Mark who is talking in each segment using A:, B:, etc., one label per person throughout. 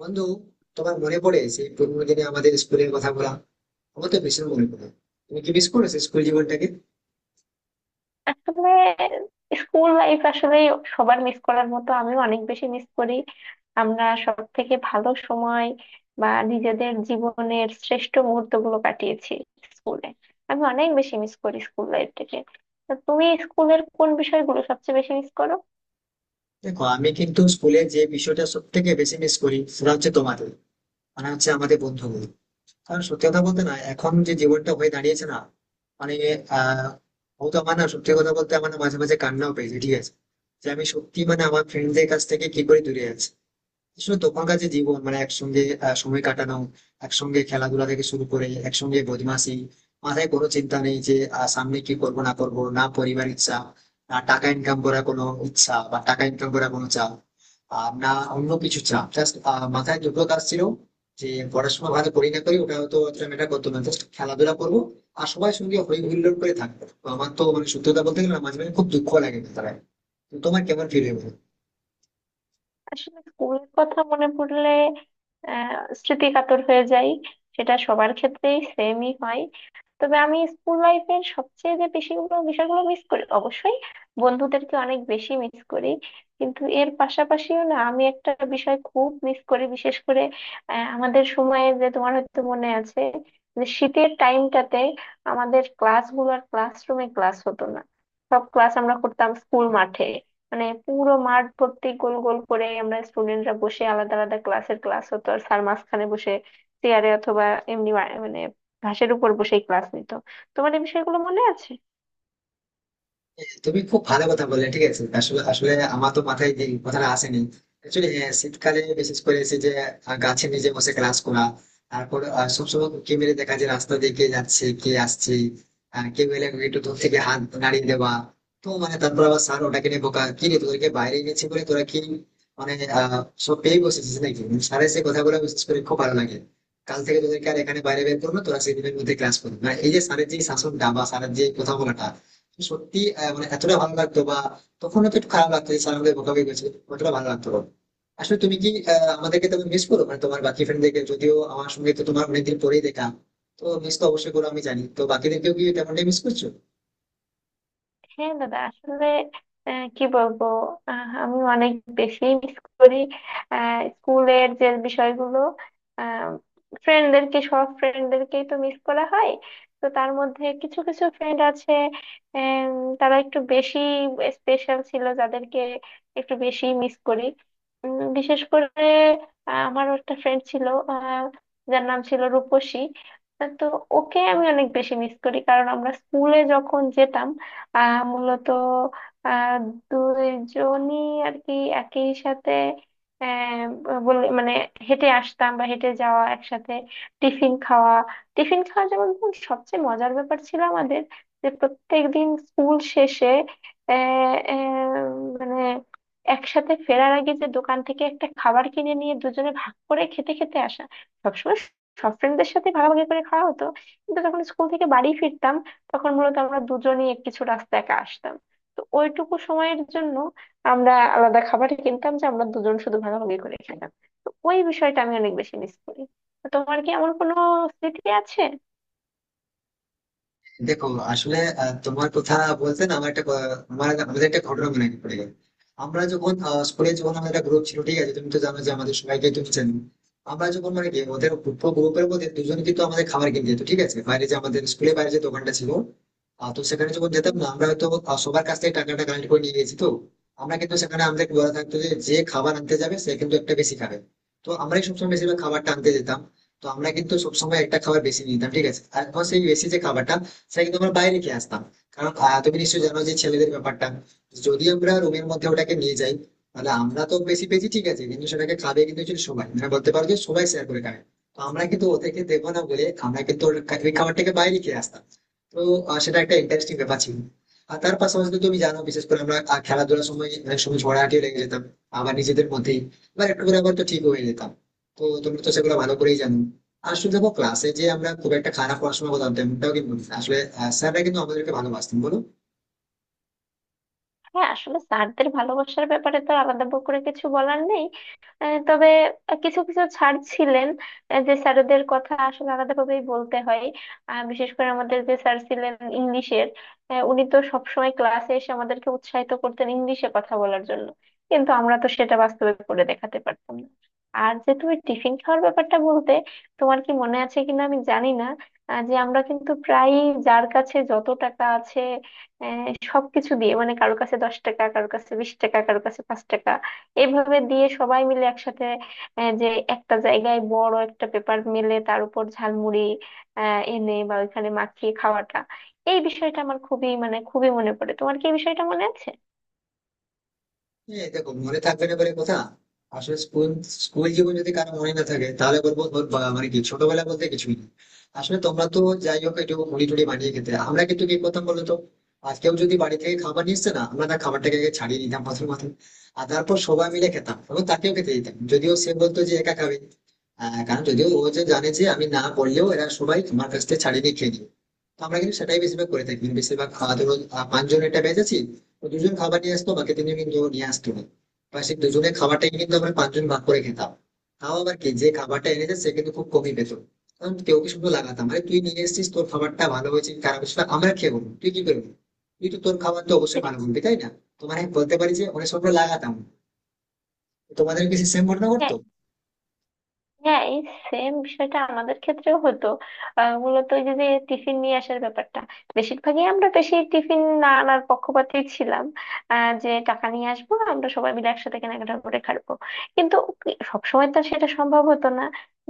A: বন্ধু, তোমার মনে পড়ে সেই পুরোনো দিনে আমাদের স্কুলের কথা বলা? আমার তো ভীষণ মনে পড়ে। তুমি কি মিস করো সেই স্কুল জীবনটাকে?
B: আসলে স্কুল লাইফ আসলে সবার মিস করার মতো আমিও অনেক বেশি মিস করি। আমরা সব থেকে ভালো সময় বা নিজেদের জীবনের শ্রেষ্ঠ মুহূর্তগুলো কাটিয়েছি স্কুলে। আমি অনেক বেশি মিস করি স্কুল লাইফটাকে। তা তুমি স্কুলের কোন বিষয়গুলো সবচেয়ে বেশি মিস করো?
A: দেখো, আমি কিন্তু স্কুলে যে বিষয়টা সব থেকে বেশি মিস করি, সেটা হচ্ছে তোমাদের, মানে হচ্ছে আমাদের বন্ধুগুলো। কারণ সত্যি কথা বলতে না, এখন যে জীবনটা হয়ে দাঁড়িয়েছে না, মানে আহ হয়তো আমার না, সত্যি কথা বলতে আমার না, মাঝে মাঝে কান্নাও পেয়েছে। ঠিক আছে, যে আমি সত্যি, মানে আমার ফ্রেন্ডদের কাছ থেকে কি করে দূরে আছি। আসলে তখনকার যে জীবন, মানে একসঙ্গে সময় কাটানো, একসঙ্গে খেলাধুলা থেকে শুরু করে একসঙ্গে বদমাশি। মাথায় কোনো চিন্তা নেই যে সামনে কি করব না করব, না পরিবার ইচ্ছা, না টাকা ইনকাম করার কোনো ইচ্ছা বা টাকা ইনকাম করার কোনো চাপ, আর না অন্য কিছু চাপ। জাস্ট মাথায় দুটো কাজ ছিল, যে পড়াশোনা ভালো করি না করি, ওটা হয়তো অতটা ম্যাটার করতো না, জাস্ট খেলাধুলা করবো আর সবাই সঙ্গে হই হুল্লোড় করে থাকবো। তো আমার তো, মানে সত্যতা বলতে গেলে না, মাঝে মাঝে খুব দুঃখ লাগে। তারা, তোমার কেমন ফিল হয়?
B: আসলে স্কুলের কথা মনে পড়লে স্মৃতি কাতর হয়ে যায়। সেটা সবার ক্ষেত্রেই সেমই হয়। তবে আমি স্কুল লাইফের সবচেয়ে যে বেশিগুলো বিষয়গুলো মিস করি অবশ্যই বন্ধুদেরকে অনেক বেশি মিস করি। কিন্তু এর পাশাপাশিও না আমি একটা বিষয় খুব মিস করি বিশেষ করে, আমাদের সময়ে যে তোমার হয়তো মনে আছে যে শীতের টাইমটাতে আমাদের ক্লাসগুলো আর ক্লাসরুমে ক্লাস হতো না। সব ক্লাস আমরা করতাম স্কুল মাঠে। মানে পুরো মাঠ ভর্তি গোল গোল করে আমরা স্টুডেন্টরা বসে আলাদা আলাদা ক্লাসের ক্লাস হতো আর স্যার মাঝখানে বসে চেয়ারে অথবা এমনি মানে ঘাসের উপর বসেই ক্লাস নিত। তোমার এই বিষয়গুলো মনে আছে?
A: তুমি খুব ভালো কথা বললে। ঠিক আছে, আসলে আসলে আমার তো মাথায় যে কথাটা আসেনি। অ্যাকচুয়ালি শীতকালে বিশেষ করে এসে যে গাছের নিচে বসে ক্লাস করা। তারপর সবসময় উঁকি মেরে দেখা যে রাস্তা দিয়ে কে যাচ্ছে কে আসছে। কেউ এলে একটু দূর থেকে হাত নাড়িয়ে দেওয়া। তো মানে তারপর আবার স্যার ওটাকে নিয়ে বোকা, কি রে তোদেরকে বাইরে গেছি বলে তোরা কি মানে আহ সব পেয়ে বসেছিস নাকি? স্যারের সে কথাগুলো বিশেষ করে খুব ভালো লাগে। কাল থেকে তোদেরকে আর এখানে বাইরে বের করবো, তোরা সেদিনের মধ্যে ক্লাস করবি। মানে এই যে স্যারের যে শাসনটা বা স্যারের যে কথা বলাটা, সত্যি মানে এতটা ভালো লাগতো বা তখন তো একটু খারাপ লাগতো যে স্যার আমাদের বকাবকি করেছে, অতটা ভালো লাগতো না। আসলে তুমি কি আমাদেরকে তুমি মিস করো, মানে তোমার বাকি ফ্রেন্ডদেরকে? যদিও আমার সঙ্গে তো তোমার অনেকদিন পরেই দেখা। তো মিস তো অবশ্যই করো আমি জানি, তো বাকিদেরকেও কি তেমনটাই মিস করছো?
B: হ্যাঁ দাদা, আসলে কি বলবো। আমি অনেক বেশি মিস করি স্কুলের যে বিষয়গুলো, ফ্রেন্ডদেরকে সব ফ্রেন্ডদেরকেই তো মিস করা হয়। তো তার মধ্যে কিছু কিছু ফ্রেন্ড আছে আম, তারা একটু বেশি স্পেশাল ছিল, যাদেরকে একটু বেশি মিস করি। বিশেষ করে আমার একটা ফ্রেন্ড ছিল, আহ, যার নাম ছিল রূপসী। তো ওকে আমি অনেক বেশি মিস করি কারণ আমরা স্কুলে যখন যেতাম, মূলত আহ দুইজনই আর কি একই সাথে আহ, বলে মানে হেঁটে আসতাম বা হেঁটে যাওয়া একসাথে, টিফিন খাওয়া। টিফিন খাওয়া যেমন ধরুন সবচেয়ে মজার ব্যাপার ছিল আমাদের, যে প্রত্যেকদিন স্কুল শেষে আহ, আহ, মানে একসাথে ফেরার আগে যে দোকান থেকে একটা খাবার কিনে নিয়ে দুজনে ভাগ করে খেতে খেতে আসা। সবসময় সব ফ্রেন্ডদের সাথে ভাগাভাগি করে খাওয়া হতো, কিন্তু যখন স্কুল থেকে বাড়ি ফিরতাম তখন মূলত আমরা দুজনেই কিছু রাস্তা একা আসতাম। তো ওইটুকু সময়ের জন্য আমরা আলাদা খাবার কিনতাম, যে আমরা দুজন শুধু ভাগাভাগি করে খেতাম। তো ওই বিষয়টা আমি অনেক বেশি মিস করি। তো তোমার কি এমন কোনো স্মৃতি আছে?
A: দেখো, আসলে তোমার কথা বলতে না, আমার একটা আমার আমাদের একটা ঘটনা মনে পড়ে গেল। আমরা যখন স্কুলে যখন আমাদের একটা গ্রুপ ছিল, ঠিক আছে, তুমি তো জানো যে আমাদের সবাইকে তুমি চেনো। আমরা যখন মানে কি ওদের গ্রুপের মধ্যে দুজন কিন্তু আমাদের খাবার কিনতে যেত, ঠিক আছে, বাইরে যে আমাদের স্কুলের বাইরে যে দোকানটা ছিল। তো সেখানে যখন যেতাম
B: হুম।
A: না, আমরা হয়তো সবার কাছ থেকে টাকাটা কালেক্ট করে নিয়ে গেছি তো। আমরা কিন্তু সেখানে আমাদের বলা থাকতো যে, যে খাবার আনতে যাবে সে কিন্তু একটা বেশি খাবে। তো আমরাই সবসময় বেশিরভাগ খাবারটা আনতে যেতাম। তো আমরা কিন্তু সবসময় একটা খাবার বেশি নিয়ে নিতাম, ঠিক আছে। আর এখন সেই বেশি যে খাবারটা, সেটা কিন্তু আমরা বাইরে খেয়ে আসতাম। কারণ তুমি নিশ্চয়ই জানো যে ছেলেদের ব্যাপারটা, যদি আমরা রুমের মধ্যে ওটাকে নিয়ে যাই, তাহলে আমরা তো বেশি পেয়েছি ঠিক আছে, কিন্তু সেটাকে খাবে কিন্তু actually সবাই, মানে বলতে পারো যে সবাই শেয়ার করে খায়। তো আমরা কিন্তু ওদেরকে দেবো না বলে আমরা কিন্তু ওই খাবারটাকে বাইরে খেয়ে আসতাম। তো সেটা একটা ইন্টারেস্টিং ব্যাপার ছিল। আর তার পাশাপাশি তো তুমি জানো, বিশেষ করে আমরা খেলাধুলার সময় অনেক সময় ঝগড়াঝাটিও লেগে যেতাম আবার নিজেদের মধ্যেই। এবার একটু করে আবার তো ঠিক হয়ে যেতাম। তো তোমরা তো সেগুলো ভালো করেই জানো। আসলে দেখো ক্লাসে যে আমরা খুব একটা খারাপ পড়াশোনা করতাম তেমনটাও কিন্তু না। আসলে স্যাররা কিন্তু আমাদেরকে ভালোবাসতেন, বলো?
B: হ্যাঁ, আসলে স্যারদের ভালোবাসার ব্যাপারে তো আর আলাদা করে কিছু বলার নেই। তবে কিছু কিছু স্যার ছিলেন যে স্যারদের কথা আসলে আলাদাভাবেই বলতে হয়। বিশেষ করে আমাদের যে স্যার ছিলেন ইংলিশের, উনি তো সবসময় ক্লাসে এসে আমাদেরকে উৎসাহিত করতেন ইংলিশে কথা বলার জন্য, কিন্তু আমরা তো সেটা বাস্তবে করে দেখাতে পারতাম না। আর যে তুমি টিফিন খাওয়ার ব্যাপারটা বলতে, তোমার কি মনে আছে কিনা আমি জানি না। যে আমরা কিন্তু প্রায়ই যার কাছে যত টাকা আছে সবকিছু দিয়ে মানে কারো কাছে 10 টাকা, কারো কাছে 20 টাকা, কারো কাছে 5 টাকা, এভাবে দিয়ে সবাই মিলে একসাথে যে একটা জায়গায় বড় একটা পেপার মেলে তার উপর ঝালমুড়ি এনে বা ওইখানে মাখিয়ে খাওয়াটা। এই বিষয়টা আমার খুবই, মানে খুবই মনে পড়ে। তোমার কি এই বিষয়টা মনে আছে?
A: হ্যাঁ দেখো, মনে থাকবে না বলে কথা। আসলে স্কুল স্কুল জীবন যদি কারো মনে না থাকে, তাহলে বলবো মানে কি, ছোটবেলা বলতে কিছুই নেই। আসলে তোমরা তো, যাই হোক, একটু মুড়ি টুড়ি বানিয়ে খেতে আমরা কিন্তু কি করতাম বলো তো? আজকেও যদি বাড়ি থেকে খাবার নিয়ে এসছে না, আমরা তার খাবারটাকে আগে ছাড়িয়ে নিতাম পাথর মাথায়। আর তারপর সবাই মিলে খেতাম এবং তাকেও খেতে দিতাম, যদিও সে বলতো যে একা খাবে। কারণ যদিও ও যে জানে যে আমি না বললেও এরা সবাই আমার কাছ থেকে ছাড়িয়ে নিয়ে খেয়ে নিবে। তো আমরা কিন্তু সেটাই বেশিরভাগ করে থাকি। বেশিরভাগ ধরো পাঁচজন একটা ব্যাচ আছি। তো দুজন খাবার নিয়ে আসতো, বাকি তিনজন কিন্তু নিয়ে আসতো না, বা সেই দুজনের খাবারটাই কিন্তু আমরা পাঁচজন ভাগ করে খেতাম। তাও আবার কি, যে খাবারটা এনেছে সে কিন্তু খুব কমই পেত। কারণ কেউ কি শুধু লাগাতাম, আরে তুই নিয়ে এসেছিস তোর খাবারটা ভালো হয়েছে খারাপ হয়েছে, আমরা খেয়ে বলবো, তুই কি করবি? তুই তো তোর খাবার তো অবশ্যই ভালো বলবি, তাই না? তোমার, আমি বলতে পারি যে অনেক সময় আমরা লাগাতাম। তোমাদের কি সেম ঘটনা
B: হ্যাঁ,
A: করতো?
B: হ্যাঁ, এই সেম বিষয়টা আমাদের ক্ষেত্রেও হতো। মূলত ওই যে যে টিফিন নিয়ে আসার ব্যাপারটা বেশিরভাগই আমরা বেশি টিফিন না আনার পক্ষপাতী ছিলাম। যে টাকা নিয়ে আসবো আমরা সবাই মিলে একসাথে কেনাকাটা করে খাবো, কিন্তু সবসময় তো আর সেটা সম্ভব হতো না,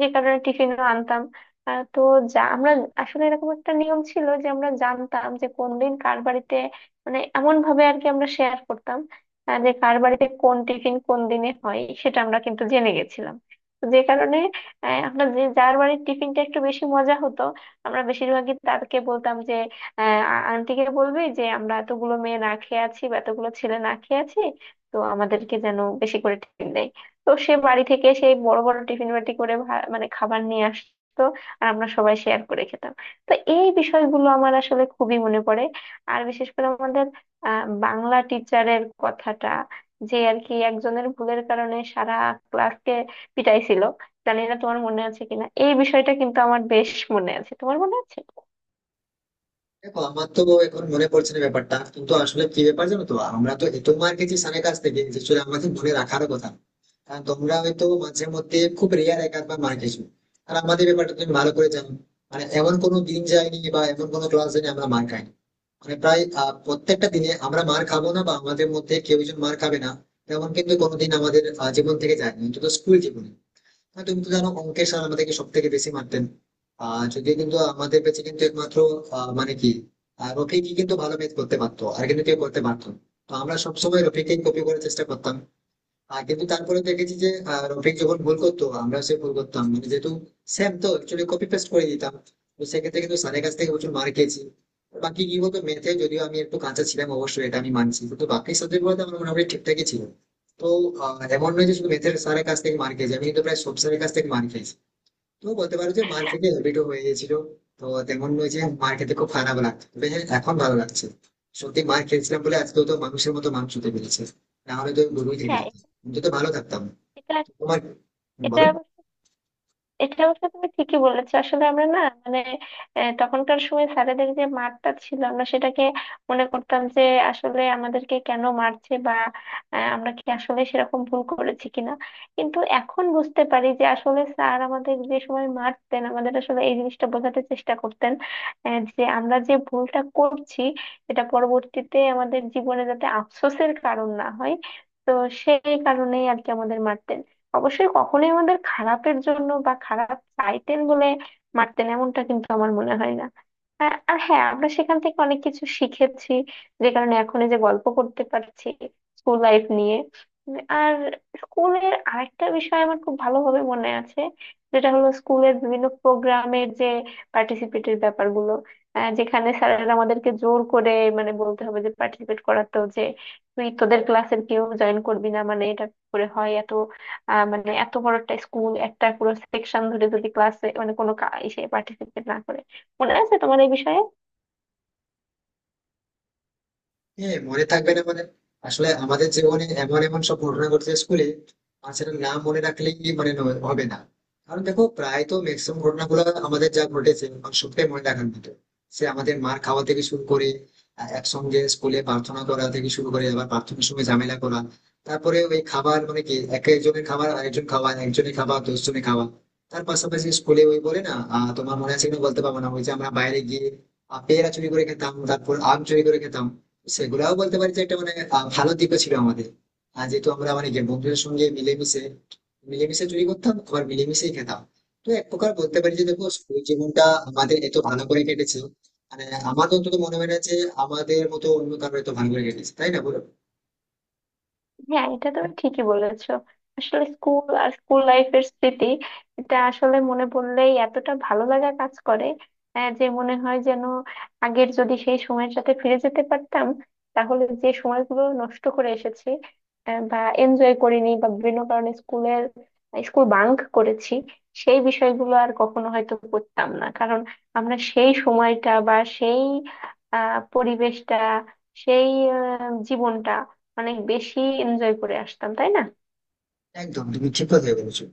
B: যে কারণে টিফিনও আনতাম। আহ, তো যা আমরা আসলে এরকম একটা নিয়ম ছিল যে আমরা জানতাম যে কোন দিন কার বাড়িতে, মানে এমন ভাবে আর কি আমরা শেয়ার করতাম। যে কার বাড়িতে কোন টিফিন কোন দিনে হয় সেটা আমরা কিন্তু জেনে গেছিলাম। তো যে কারণে আমরা যে যার বাড়ির টিফিনটা একটু বেশি মজা হতো আমরা বেশিরভাগই তাকে বলতাম যে আন্টিকে বলবি যে আমরা এতগুলো মেয়ে না খেয়ে আছি বা এতগুলো ছেলে না খেয়ে আছি, তো আমাদেরকে যেন বেশি করে টিফিন দেয়। তো সে বাড়ি থেকে সেই বড় বড় টিফিন বাটি করে মানে খাবার নিয়ে আসতো আর আমরা সবাই শেয়ার করে খেতাম। তো এই বিষয়গুলো আমার আসলে খুবই মনে পড়ে। আর বিশেষ করে আমাদের বাংলা টিচারের কথাটা, যে আর কি একজনের ভুলের কারণে সারা ক্লাসকে পিটাইছিল। জানি না তোমার মনে আছে কিনা এই বিষয়টা, কিন্তু আমার বেশ মনে আছে। তোমার মনে আছে?
A: দেখো, আমার তো এখন মনে পড়ছে না ব্যাপারটা, কিন্তু আসলে কি ব্যাপার জানো, তো আমরা তো এত মার খেয়েছি স্যারের কাছ থেকে যে আসলে আমাদের মনে রাখার কথা না। কারণ তোমরা হয়তো মাঝে মধ্যে খুব রেয়ার, এক আধবার মার খেয়েছো। আর আমাদের ব্যাপারটা তুমি ভালো করে জানো, মানে এমন কোনো দিন যায়নি বা এমন কোনো ক্লাস যায়নি আমরা মার খাইনি। মানে প্রায় প্রত্যেকটা দিনে আমরা মার খাবো না বা আমাদের মধ্যে কেউ একজন মার খাবে না, তেমন কিন্তু কোনোদিন আমাদের জীবন থেকে যায়নি, অন্তত স্কুল জীবনে। হ্যাঁ তুমি তো জানো, অঙ্কে স্যার আমাদেরকে সব থেকে বেশি মারতেন। যদিও কিন্তু আমাদের কাছে কিন্তু একমাত্র মানে কি রফিকই কিন্তু ভালো ম্যাথ করতে পারতো, আর কিন্তু কেউ করতে পারতো না। তো আমরা সবসময় রফিককে কপি করার চেষ্টা করতাম। কিন্তু তারপরে দেখেছি যে রফিক যখন ভুল করতো আমরাও সে ভুল করতাম, মানে যেহেতু সেম, তো একচুয়ালি কপি পেস্ট করে দিতাম। তো সেক্ষেত্রে কিন্তু স্যারের কাছ থেকে প্রচুর মার খেয়েছি। বাকি কি বলতো, ম্যাথে যদিও আমি একটু কাঁচা ছিলাম, অবশ্যই এটা আমি মানছি, কিন্তু বাকি সাবজেক্ট গুলোতে আমার মোটামুটি ঠিকঠাকই ছিল। তো এমন নয় যে শুধু ম্যাথের স্যারের কাছ থেকে মার খেয়েছি, আমি কিন্তু প্রায় সব স্যারের কাছ থেকে মার খেয়েছি। তো বলতে পারো যে মার থেকে হ্যাবিটও হয়ে গেছিল। তো তেমন নয় যে মার খেতে খুব খারাপ লাগতো, তবে হ্যাঁ এখন ভালো লাগছে। সত্যি মার খেয়েছিলাম বলে আজকে তো মানুষের মতো মাংস হতে পেরেছে, না হলে তো গরুই থেকে
B: হ্যাঁ,
A: যেত। কিন্তু তো ভালো থাকতাম।
B: এটা
A: তোমার,
B: এটা
A: বলো।
B: এটা অবশ্য তুমি ঠিকই বলেছো। আসলে আমরা না মানে তখনকার সময় স্যারেদের যে মারটা ছিল আমরা সেটাকে মনে করতাম যে আসলে আমাদেরকে কেন মারছে বা আমরা কি আসলে সেরকম ভুল করেছি কিনা। কিন্তু এখন বুঝতে পারি যে আসলে স্যার আমাদের যে সময় মারতেন আমাদের আসলে এই জিনিসটা বোঝাতে চেষ্টা করতেন, যে আমরা যে ভুলটা করছি এটা পরবর্তীতে আমাদের জীবনে যাতে আফসোসের কারণ না হয়। তো সেই কারণেই আর কি আমাদের মারতেন। অবশ্যই কখনোই আমাদের খারাপের জন্য বা খারাপ চাইতেন বলে মারতেন এমনটা কিন্তু আমার মনে হয় না। আর আর হ্যাঁ, আমরা সেখান থেকে অনেক কিছু শিখেছি, যে কারণে এখন এই যে গল্প করতে পারছি স্কুল লাইফ নিয়ে। আর স্কুলের আরেকটা বিষয় আমার খুব ভালোভাবে মনে আছে, যেটা হলো স্কুলের বিভিন্ন প্রোগ্রামের যে পার্টিসিপেটের ব্যাপারগুলো, যেখানে স্যারেরা আমাদেরকে জোর করে মানে বলতে হবে যে পার্টিসিপেট করাতো, যে তুই তোদের ক্লাসের কেউ জয়েন করবি না মানে এটা করে হয় এত মানে এত বড় একটা স্কুল একটা পুরো সেকশন ধরে যদি ক্লাসে মানে কোনো ইসে পার্টিসিপেট না করে। মনে আছে তোমার এই বিষয়ে?
A: হ্যাঁ মনে থাকবে না মানে? আসলে আমাদের জীবনে এমন এমন সব ঘটনা ঘটছে স্কুলে। আর সেটা না মনে রাখলেই মানে হবে না। কারণ দেখো প্রায় তো ম্যাক্সিমাম ঘটনাগুলো আমাদের যা ঘটেছে, মানে সবটাই মনে রাখার মতো। সে আমাদের মার খাওয়া থেকে শুরু করে, একসঙ্গে স্কুলে প্রার্থনা করা থেকে শুরু করে আবার প্রার্থনার সময় ঝামেলা করা। তারপরে ওই খাবার মানে কি, এক একজনের খাবার আরেকজন খাওয়া, একজনের খাবার দশজনের খাওয়া। তার পাশাপাশি স্কুলে ওই বলে না, তোমার মনে আছে কিনা বলতে পারবো না, ওই যে আমরা বাইরে গিয়ে পেয়ারা চুরি করে খেতাম তারপর আম চুরি করে খেতাম। সেগুলাও বলতে পারি যে একটা মানে ভালো দিকও ছিল আমাদের। আর যেহেতু আমরা মানে কি বন্ধুদের সঙ্গে মিলেমিশে, মিলেমিশে চুরি করতাম আবার মিলেমিশেই খেতাম। তো এক প্রকার বলতে পারি যে দেখো স্কুল জীবনটা আমাদের এত ভালো করে কেটেছে, মানে আমার তো অন্তত মনে হয় না যে আমাদের মতো অন্য কারো এত ভালো করে কেটেছে, তাই না, বলো?
B: হ্যাঁ, এটা তুমি ঠিকই বলেছো। আসলে স্কুল আর স্কুল লাইফের স্মৃতি এটা আসলে মনে পড়লেই এতটা ভালো লাগা কাজ করে, যে মনে হয় যেন আগের যদি সেই সময়ের সাথে ফিরে যেতে পারতাম তাহলে যে সময়গুলো নষ্ট করে এসেছি বা এনজয় করিনি বা বিভিন্ন কারণে স্কুলের স্কুল বাঙ্ক করেছি সেই বিষয়গুলো আর কখনো হয়তো করতাম না। কারণ আমরা সেই সময়টা বা সেই পরিবেশটা, সেই জীবনটা অনেক বেশি এনজয় করে আসতাম তাই না?
A: একদম তুমি ঠিক কথাই বলেছো।